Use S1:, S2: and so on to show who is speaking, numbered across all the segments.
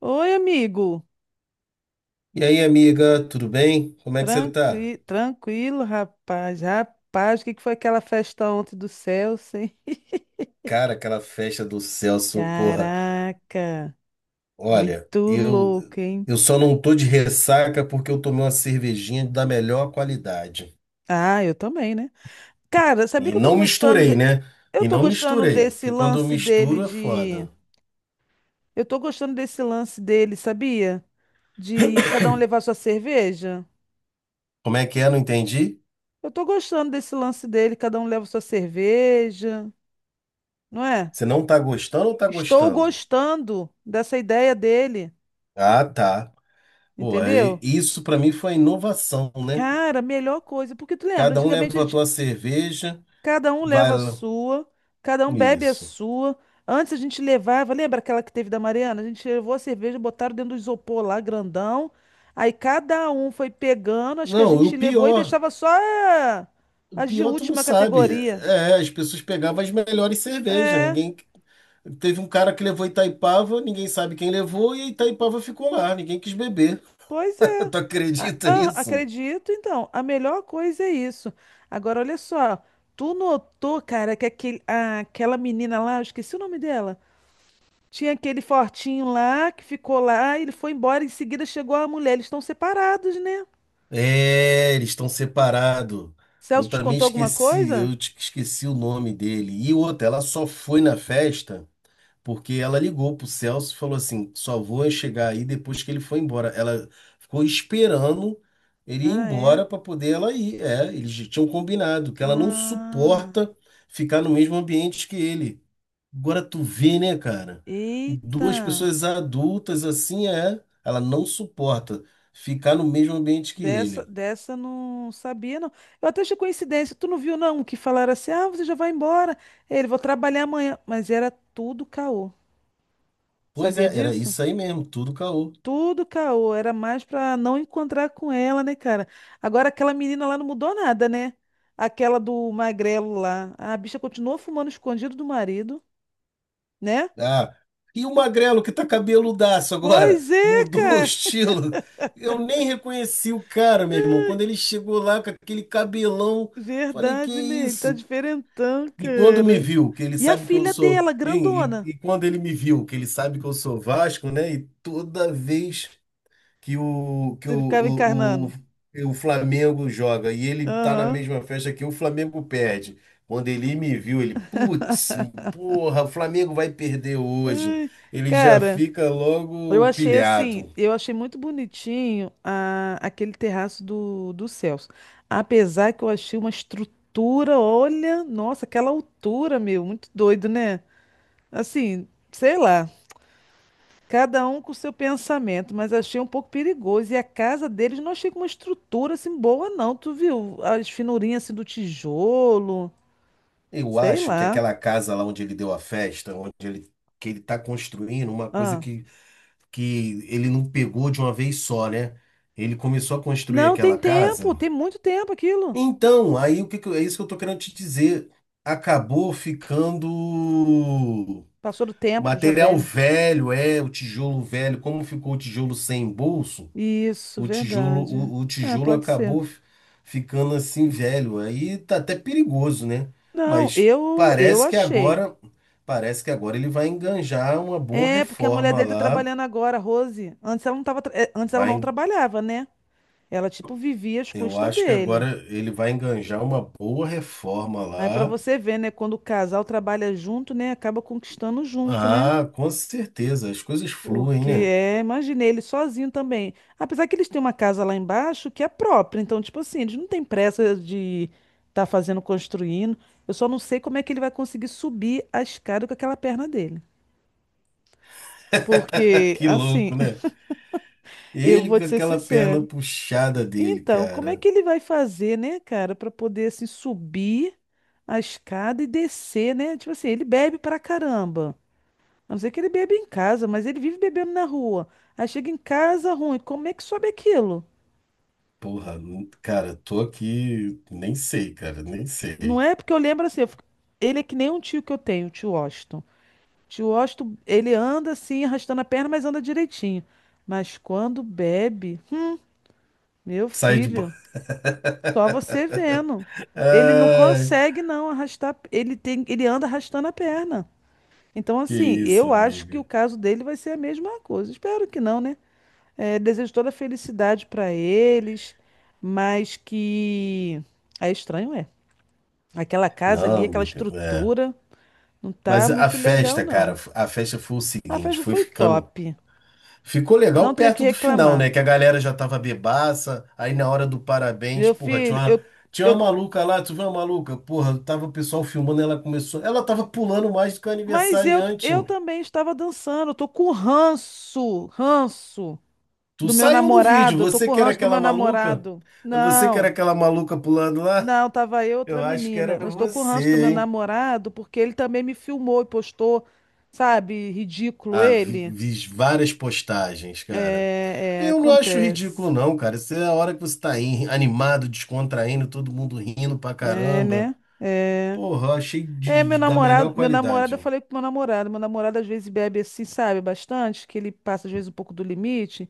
S1: Oi, amigo.
S2: E aí, amiga, tudo bem? Como é que você tá?
S1: Tranquilo, rapaz. Rapaz, o que que foi aquela festa ontem do Celso, hein?
S2: Cara, aquela festa do Celso, porra.
S1: Caraca,
S2: Olha,
S1: muito
S2: eu
S1: louco, hein?
S2: eu só não tô de ressaca porque eu tomei uma cervejinha da melhor qualidade.
S1: Ah, eu também, né? Cara, sabia
S2: E
S1: que
S2: não misturei, né?
S1: eu
S2: E
S1: tô
S2: não
S1: gostando
S2: misturei,
S1: desse
S2: que quando eu
S1: lance dele
S2: misturo é
S1: de
S2: foda.
S1: eu tô gostando desse lance dele, sabia? De cada um levar sua cerveja.
S2: Como é que é? Não entendi.
S1: Eu tô gostando desse lance dele, cada um leva sua cerveja, não é?
S2: Você não tá gostando ou tá
S1: Estou
S2: gostando?
S1: gostando dessa ideia dele.
S2: Ah, tá. Pô, aí,
S1: Entendeu?
S2: isso pra mim foi inovação, né?
S1: Cara, melhor coisa. Porque tu lembra,
S2: Cada um leva a tua cerveja,
S1: cada um
S2: vai
S1: leva a
S2: lá.
S1: sua, cada um bebe a
S2: Isso.
S1: sua. Antes a gente levava, lembra aquela que teve da Mariana? A gente levou a cerveja, botaram dentro do isopor lá, grandão. Aí cada um foi pegando, acho que a
S2: Não, e o
S1: gente levou e
S2: pior.
S1: deixava só
S2: O
S1: as de
S2: pior, tu não
S1: última
S2: sabe.
S1: categoria.
S2: É, as pessoas pegavam as melhores cervejas.
S1: É,
S2: Ninguém. Teve um cara que levou Itaipava, ninguém sabe quem levou, e a Itaipava ficou lá, ninguém quis beber.
S1: pois é.
S2: Tu
S1: A-
S2: acredita
S1: ah,
S2: nisso?
S1: acredito, então. A melhor coisa é isso. Agora, olha só. Tu notou, cara, que aquela menina lá, eu esqueci o nome dela. Tinha aquele fortinho lá que ficou lá, ele foi embora, em seguida chegou a mulher. Eles estão separados, né?
S2: É, eles estão separados.
S1: Celso
S2: Eu
S1: te
S2: também
S1: contou alguma
S2: esqueci,
S1: coisa?
S2: esqueci o nome dele. E outra, ela só foi na festa, porque ela ligou pro Celso e falou assim: só vou chegar aí depois que ele foi embora. Ela ficou esperando ele ir
S1: Ah, é?
S2: embora para poder ela ir. É, eles já tinham combinado que ela não
S1: Ah,
S2: suporta ficar no mesmo ambiente que ele. Agora tu vê, né, cara? E duas
S1: eita.
S2: pessoas adultas assim é, ela não suporta ficar no mesmo ambiente que
S1: Dessa,
S2: ele.
S1: dessa não sabia, não. Eu até achei coincidência. Tu não viu, não? Que falaram assim: ah, você já vai embora. Ele, vou trabalhar amanhã. Mas era tudo caô.
S2: Pois
S1: Sabia
S2: é, era
S1: disso?
S2: isso aí mesmo, tudo caô.
S1: Tudo caô, era mais pra não encontrar com ela, né, cara? Agora aquela menina lá não mudou nada, né? Aquela do magrelo lá. A bicha continuou fumando escondido do marido, né?
S2: Ah, e o magrelo que tá cabeludaço agora,
S1: Pois é,
S2: mudou o
S1: cara.
S2: estilo. Eu nem reconheci o cara, meu irmão. Quando ele chegou lá com aquele cabelão, falei, que
S1: Verdade, né? Ele tá
S2: isso?
S1: diferentão,
S2: E quando me
S1: cara.
S2: viu, que ele
S1: E a
S2: sabe que eu
S1: filha
S2: sou.
S1: dela,
S2: E, e-
S1: grandona.
S2: e quando ele me viu, que ele sabe que eu sou Vasco, né? E toda vez que o, que o,
S1: Ele ficava
S2: o, o,
S1: encarnando.
S2: que o Flamengo joga e ele tá na
S1: Aham.
S2: mesma festa que o Flamengo perde. Quando ele me viu, ele, putz, porra, o Flamengo vai perder hoje.
S1: Ai,
S2: Ele já
S1: cara.
S2: fica logo pilhado.
S1: Eu achei muito bonitinho aquele terraço do Celso. Apesar que eu achei uma estrutura, olha, nossa, aquela altura, meu, muito doido, né? Assim, sei lá, cada um com o seu pensamento, mas achei um pouco perigoso. E a casa deles não achei com uma estrutura assim boa, não. Tu viu? As finurinhas assim do tijolo,
S2: Eu
S1: sei
S2: acho que
S1: lá.
S2: aquela casa lá onde ele deu a festa, que ele tá construindo, uma coisa
S1: Ah.
S2: que ele não pegou de uma vez só, né? Ele começou a construir
S1: Não, tem
S2: aquela casa.
S1: tempo, tem muito tempo aquilo.
S2: Então, aí o que que eu- é isso que eu tô querendo te dizer. Acabou ficando
S1: Passou do tempo, já
S2: material
S1: velho.
S2: velho, é, o tijolo velho. Como ficou o tijolo sem bolso,
S1: Isso,
S2: o tijolo,
S1: verdade.
S2: o, o
S1: É,
S2: tijolo
S1: pode ser.
S2: ficando assim velho. Aí tá até perigoso, né?
S1: Não,
S2: Mas
S1: eu
S2: parece que
S1: achei.
S2: agora, parece que agora ele vai enganjar uma boa
S1: É, porque a mulher
S2: reforma
S1: dele tá
S2: lá.
S1: trabalhando agora, a Rose. Antes ela não tava, tra- é, antes ela
S2: Vai,
S1: não
S2: en-
S1: trabalhava, né? Ela tipo vivia às
S2: eu
S1: custas
S2: acho que
S1: dele.
S2: agora ele vai enganjar uma boa reforma
S1: Aí pra
S2: lá.
S1: você ver, né, quando o casal trabalha junto, né, acaba conquistando junto, né?
S2: Ah, com certeza, as coisas fluem,
S1: Porque
S2: né?
S1: é, imaginei ele sozinho também. Apesar que eles têm uma casa lá embaixo que é própria, então tipo assim, eles não têm pressa de tá fazendo construindo. Eu só não sei como é que ele vai conseguir subir a escada com aquela perna dele. Porque,
S2: Que
S1: assim,
S2: louco, né?
S1: eu
S2: Ele
S1: vou
S2: com
S1: te ser
S2: aquela perna
S1: sincero.
S2: puxada dele,
S1: Então, como é
S2: cara.
S1: que ele vai fazer, né, cara, para poder, assim, subir a escada e descer, né? Tipo assim, ele bebe pra caramba. A não ser que ele bebe em casa, mas ele vive bebendo na rua. Aí chega em casa ruim. Como é que sobe aquilo?
S2: Porra, cara, tô aqui, nem sei, cara, nem
S1: Não
S2: sei.
S1: é? Porque eu lembro assim, eu fico- ele é que nem um tio que eu tenho, o tio Washington. O tio Washington, ele anda assim, arrastando a perna, mas anda direitinho. Mas quando bebe, meu
S2: Sai de bola.
S1: filho. Só você vendo. Ele não
S2: Ai,
S1: consegue não arrastar, ele anda arrastando a perna. Então,
S2: que
S1: assim,
S2: isso,
S1: eu acho que o
S2: amiga.
S1: caso dele vai ser a mesma coisa. Espero que não, né? É, desejo toda a felicidade para eles, mas que é estranho, é. Aquela casa ali,
S2: Não,
S1: aquela
S2: amiga, é.
S1: estrutura, não tá
S2: Mas a
S1: muito legal,
S2: festa, cara,
S1: não.
S2: a festa foi o
S1: A
S2: seguinte,
S1: festa
S2: foi
S1: foi
S2: ficando.
S1: top.
S2: Ficou legal
S1: Não tenho o que
S2: perto do final,
S1: reclamar.
S2: né? Que a galera já tava bebaça. Aí na hora do parabéns,
S1: Meu
S2: porra,
S1: filho,
S2: tinha
S1: eu,
S2: uma maluca lá, tu viu uma maluca? Porra, tava o pessoal filmando, ela começou. Ela tava pulando mais do que o
S1: mas
S2: aniversariante,
S1: eu
S2: mano.
S1: também estava dançando. Eu tô com ranço.
S2: Tu
S1: Do meu
S2: saiu no vídeo,
S1: namorado, eu tô
S2: você
S1: com
S2: que era
S1: ranço do meu
S2: aquela maluca?
S1: namorado.
S2: É, você que era
S1: Não,
S2: aquela maluca pulando lá?
S1: não, tava eu e outra
S2: Eu acho que
S1: menina.
S2: era
S1: Mas eu tô com ranço do meu
S2: você, hein?
S1: namorado porque ele também me filmou e postou, sabe? Ridículo
S2: Ah, vi,
S1: ele.
S2: vi várias postagens, cara.
S1: É, é,
S2: Eu não acho ridículo,
S1: acontece.
S2: não, cara. Isso é a hora que você tá aí, animado, descontraindo, todo mundo rindo pra
S1: É,
S2: caramba.
S1: né? É.
S2: Porra, achei da melhor
S1: Eu
S2: qualidade.
S1: falei com meu meu namorado às vezes bebe assim, sabe, bastante, que ele passa às vezes um pouco do limite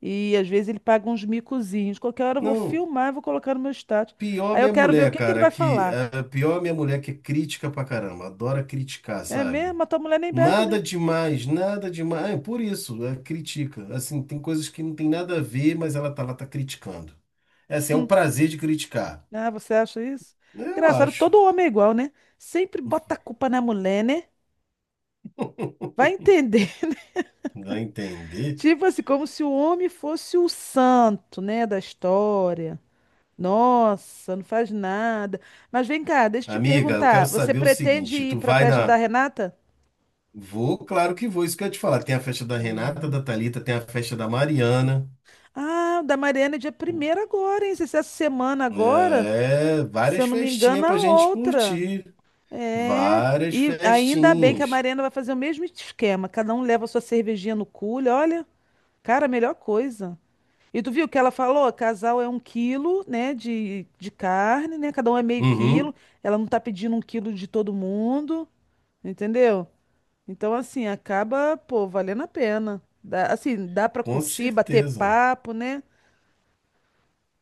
S1: e às vezes ele paga uns micozinhos. Qualquer hora eu vou
S2: Não,
S1: filmar, e vou colocar no meu status.
S2: pior
S1: Aí eu
S2: minha
S1: quero ver o
S2: mulher,
S1: que que ele
S2: cara,
S1: vai
S2: que
S1: falar.
S2: eh, pior minha mulher que é crítica pra caramba, adora criticar,
S1: É
S2: sabe?
S1: mesmo? A tua mulher nem bebe, né?
S2: Nada demais, nada demais. É, por isso, ela critica. Assim, tem coisas que não tem nada a ver, mas ela tá lá criticando. É assim, é o
S1: Hum.
S2: prazer de criticar.
S1: Ah, você acha isso?
S2: Eu
S1: Engraçado que
S2: acho,
S1: todo homem é igual, né? Sempre bota a culpa na mulher, né? Vai entender.
S2: dá a entender.
S1: Tipo assim, como se o homem fosse o santo, né, da história. Nossa, não faz nada. Mas vem cá, deixa eu te
S2: Amiga, eu quero
S1: perguntar. Você
S2: saber o
S1: pretende
S2: seguinte,
S1: ir
S2: tu
S1: para a
S2: vai
S1: festa da
S2: na...
S1: Renata?
S2: Vou, claro que vou, isso que eu ia te falar. Tem a festa da Renata, da Thalita, tem a festa da Mariana.
S1: Ah, o da Mariana é dia primeiro agora, hein? Se essa semana agora,
S2: É,
S1: se
S2: várias
S1: eu não me
S2: festinhas
S1: engano,
S2: pra
S1: a
S2: gente
S1: outra.
S2: curtir.
S1: É,
S2: Várias
S1: e ainda bem que a
S2: festinhas.
S1: Mariana vai fazer o mesmo esquema. Cada um leva a sua cervejinha no cooler. Olha, cara, a melhor coisa. E tu viu o que ela falou? Casal é um quilo, né, de carne, né? Cada um é meio quilo.
S2: Uhum,
S1: Ela não tá pedindo um quilo de todo mundo, entendeu? Então, assim, acaba, pô, valendo a pena. Assim, dá pra
S2: com
S1: curtir, bater
S2: certeza.
S1: papo, né?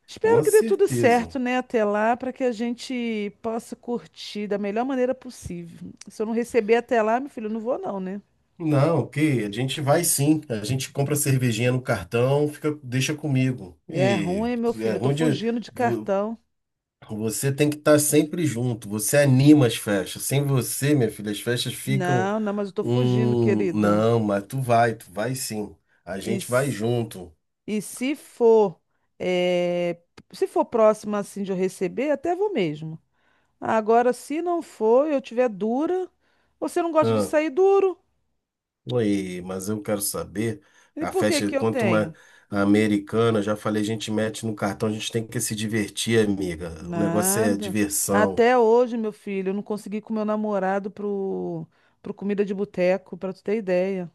S1: Espero
S2: Com
S1: que dê tudo certo,
S2: certeza.
S1: né, até lá, para que a gente possa curtir da melhor maneira possível. Se eu não receber até lá, meu filho, eu não vou não, né?
S2: Não, ok, a gente vai sim. A gente compra cervejinha no cartão, fica, deixa comigo.
S1: E é
S2: E
S1: ruim, meu filho,
S2: é
S1: eu tô
S2: onde
S1: fugindo de
S2: vo-
S1: cartão.
S2: você tem que estar sempre junto. Você anima as festas. Sem você, minha filha, as festas ficam
S1: Não, não, mas eu tô fugindo,
S2: um...
S1: querido.
S2: Não, mas tu vai sim. A
S1: E,
S2: gente vai
S1: s-
S2: junto.
S1: e se for, eh, se for próximo assim de eu receber, até vou mesmo. Agora, se não for, eu tiver dura, você não gosta de sair duro?
S2: Oi, mas eu quero saber,
S1: E
S2: a
S1: por que
S2: festa,
S1: que eu
S2: quanto uma
S1: tenho?
S2: americana, já falei, a gente mete no cartão, a gente tem que se divertir, amiga. O negócio é
S1: Nada.
S2: diversão.
S1: Até hoje, meu filho, eu não consegui ir com meu namorado pro comida de boteco, pra tu ter ideia.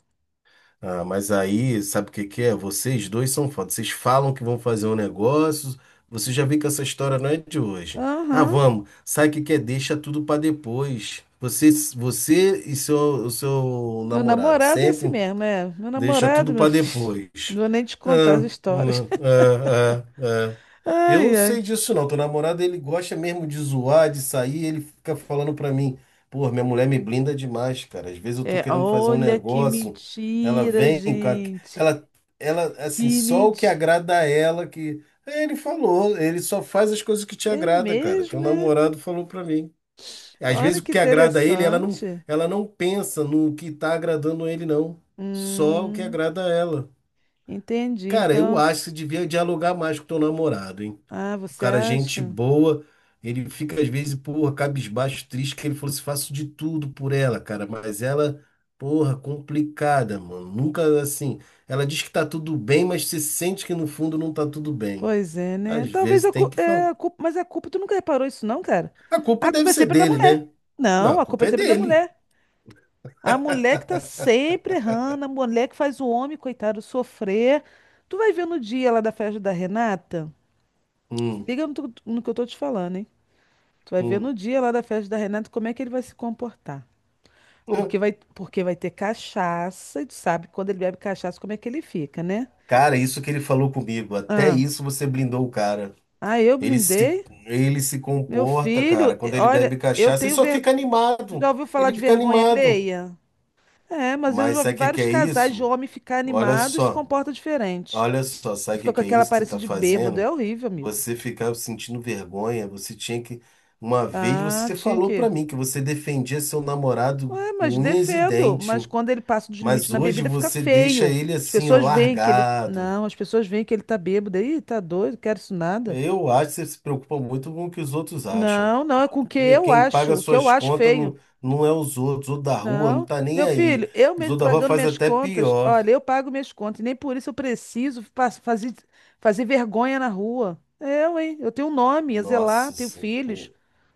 S2: Ah, mas aí, sabe o que que é? Vocês dois são foda. Vocês falam que vão fazer um negócio, você já vê que essa história não é de hoje. Ah,
S1: Aham.
S2: vamos, sabe o que que é? Deixa tudo pra depois. Você e seu, o seu
S1: Meu
S2: namorado
S1: namorado é assim
S2: sempre.
S1: mesmo, é. Meu
S2: Deixa
S1: namorado,
S2: tudo
S1: meu
S2: para
S1: filho.
S2: depois.
S1: Não vou nem te contar as
S2: Ah,
S1: histórias.
S2: não, ah, ah, ah.
S1: Ai,
S2: Eu
S1: ai.
S2: sei disso não. Teu namorado, ele gosta mesmo de zoar, de sair, ele fica falando para mim, pô, minha mulher me blinda demais, cara. Às vezes eu tô
S1: É,
S2: querendo fazer um
S1: olha que
S2: negócio, ela
S1: mentira,
S2: vem com a...
S1: gente.
S2: ela ela assim,
S1: Que
S2: só o que
S1: mentira.
S2: agrada a ela que... Ele falou, ele só faz as coisas que te
S1: É
S2: agrada, cara. Teu
S1: mesmo, é?
S2: namorado falou para mim. Às
S1: Olha
S2: vezes o
S1: que
S2: que agrada a ele,
S1: interessante.
S2: ela não pensa no que está agradando ele, não. Só o que
S1: Hum,
S2: agrada a ela.
S1: entendi.
S2: Cara, eu
S1: Então,
S2: acho que você devia dialogar mais com teu namorado, hein?
S1: ah,
S2: O
S1: você
S2: cara, é gente
S1: acha?
S2: boa, ele fica às vezes, porra, cabisbaixo, triste, que ele falou assim, faço de tudo por ela, cara, mas ela, porra, complicada, mano. Nunca assim, ela diz que tá tudo bem, mas você sente que no fundo não tá tudo bem.
S1: Pois é,
S2: Às
S1: né? Talvez
S2: vezes
S1: a
S2: tem que
S1: culpa,
S2: falar.
S1: é, a culpa, mas a culpa, tu nunca reparou isso não, cara?
S2: A culpa
S1: A
S2: deve
S1: culpa é
S2: ser
S1: sempre da
S2: dele,
S1: mulher.
S2: né? Não,
S1: Não,
S2: a
S1: a culpa é
S2: culpa é
S1: sempre da
S2: dele.
S1: mulher. A mulher que tá sempre errando, a mulher que faz o homem, coitado, sofrer. Tu vai ver no dia lá da festa da Renata, se
S2: Hum,
S1: liga no que eu tô te falando, hein? Tu vai ver no
S2: hum.
S1: dia lá da festa da Renata como é que ele vai se comportar. Porque vai ter cachaça, e tu sabe, quando ele bebe cachaça, como é que ele fica, né?
S2: Cara, isso que ele falou comigo, até
S1: Ah,
S2: isso você blindou o cara.
S1: ah eu
S2: Ele se,
S1: blindei.
S2: ele se
S1: Meu
S2: comporta, cara,
S1: filho,
S2: quando ele
S1: olha,
S2: bebe
S1: eu
S2: cachaça, ele
S1: tenho
S2: só
S1: vergonha.
S2: fica
S1: Já
S2: animado.
S1: ouviu falar
S2: Ele
S1: de
S2: fica
S1: vergonha
S2: animado.
S1: alheia? É, mas eu
S2: Mas
S1: já vi
S2: sabe o que que
S1: vários
S2: é
S1: casais de
S2: isso?
S1: homem ficar
S2: Olha
S1: animado e se
S2: só,
S1: comporta diferente.
S2: olha só,
S1: Ele
S2: sabe o que
S1: fica com
S2: que é
S1: aquela
S2: isso que você
S1: aparência
S2: está
S1: de bêbado, é
S2: fazendo?
S1: horrível, amigo.
S2: Você ficava sentindo vergonha, você tinha que... Uma vez
S1: Ah,
S2: você
S1: tinha
S2: falou para
S1: que.
S2: mim que você defendia seu namorado
S1: Ué, mas
S2: com unhas e
S1: defendo.
S2: dentes,
S1: Mas quando ele passa dos limites
S2: mas
S1: na
S2: hoje
S1: bebida, fica
S2: você deixa
S1: feio.
S2: ele
S1: As
S2: assim, ó,
S1: pessoas veem que ele.
S2: largado.
S1: Não, as pessoas veem que ele tá bêbado. Ih, tá doido, quero isso nada.
S2: Eu acho que você se preocupa muito com o que os outros acham.
S1: Não, não, é com o que
S2: E
S1: eu
S2: quem paga
S1: acho. O que eu
S2: suas
S1: acho
S2: contas não,
S1: feio.
S2: não é os outros, o da rua não
S1: Não,
S2: tá nem
S1: meu
S2: aí.
S1: filho, eu
S2: Os outros
S1: mesmo
S2: da rua
S1: pagando
S2: faz
S1: minhas
S2: até
S1: contas,
S2: pior.
S1: olha, eu pago minhas contas, e nem por isso eu preciso fazer, fazer vergonha na rua. Eu, hein? Eu tenho um nome, a zelar,
S2: Nossa
S1: tenho
S2: Senhora.
S1: filhos,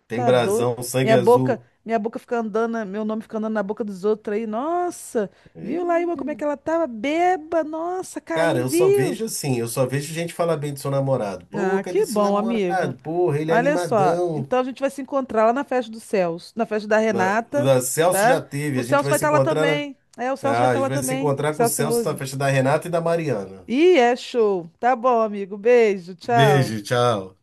S2: Tem
S1: tá doido?
S2: brasão, sangue
S1: Minha boca,
S2: azul.
S1: minha boca fica andando, meu nome fica andando na boca dos outros aí. Nossa, viu lá,
S2: Ih,
S1: Ilma, como é que ela tava? Beba, nossa,
S2: cara,
S1: caindo,
S2: eu só
S1: viu?
S2: vejo assim, eu só vejo gente falar bem do seu namorado. Pô,
S1: Ah,
S2: cadê
S1: que
S2: seu
S1: bom, amigo.
S2: namorado? Porra, ele é
S1: Olha só,
S2: animadão.
S1: então a gente vai se encontrar lá na festa do Celso, na festa da Renata,
S2: Celso
S1: tá?
S2: já teve,
S1: O
S2: a gente
S1: Celso
S2: vai
S1: vai
S2: se
S1: estar lá
S2: encontrar.
S1: também. É, o Celso vai
S2: Ah, a
S1: estar
S2: gente
S1: lá
S2: vai se
S1: também.
S2: encontrar com o
S1: Celso e
S2: Celso na
S1: Rose.
S2: festa da Renata e da Mariana.
S1: Ih, é show. Tá bom, amigo. Beijo, tchau.
S2: Beijo, tchau.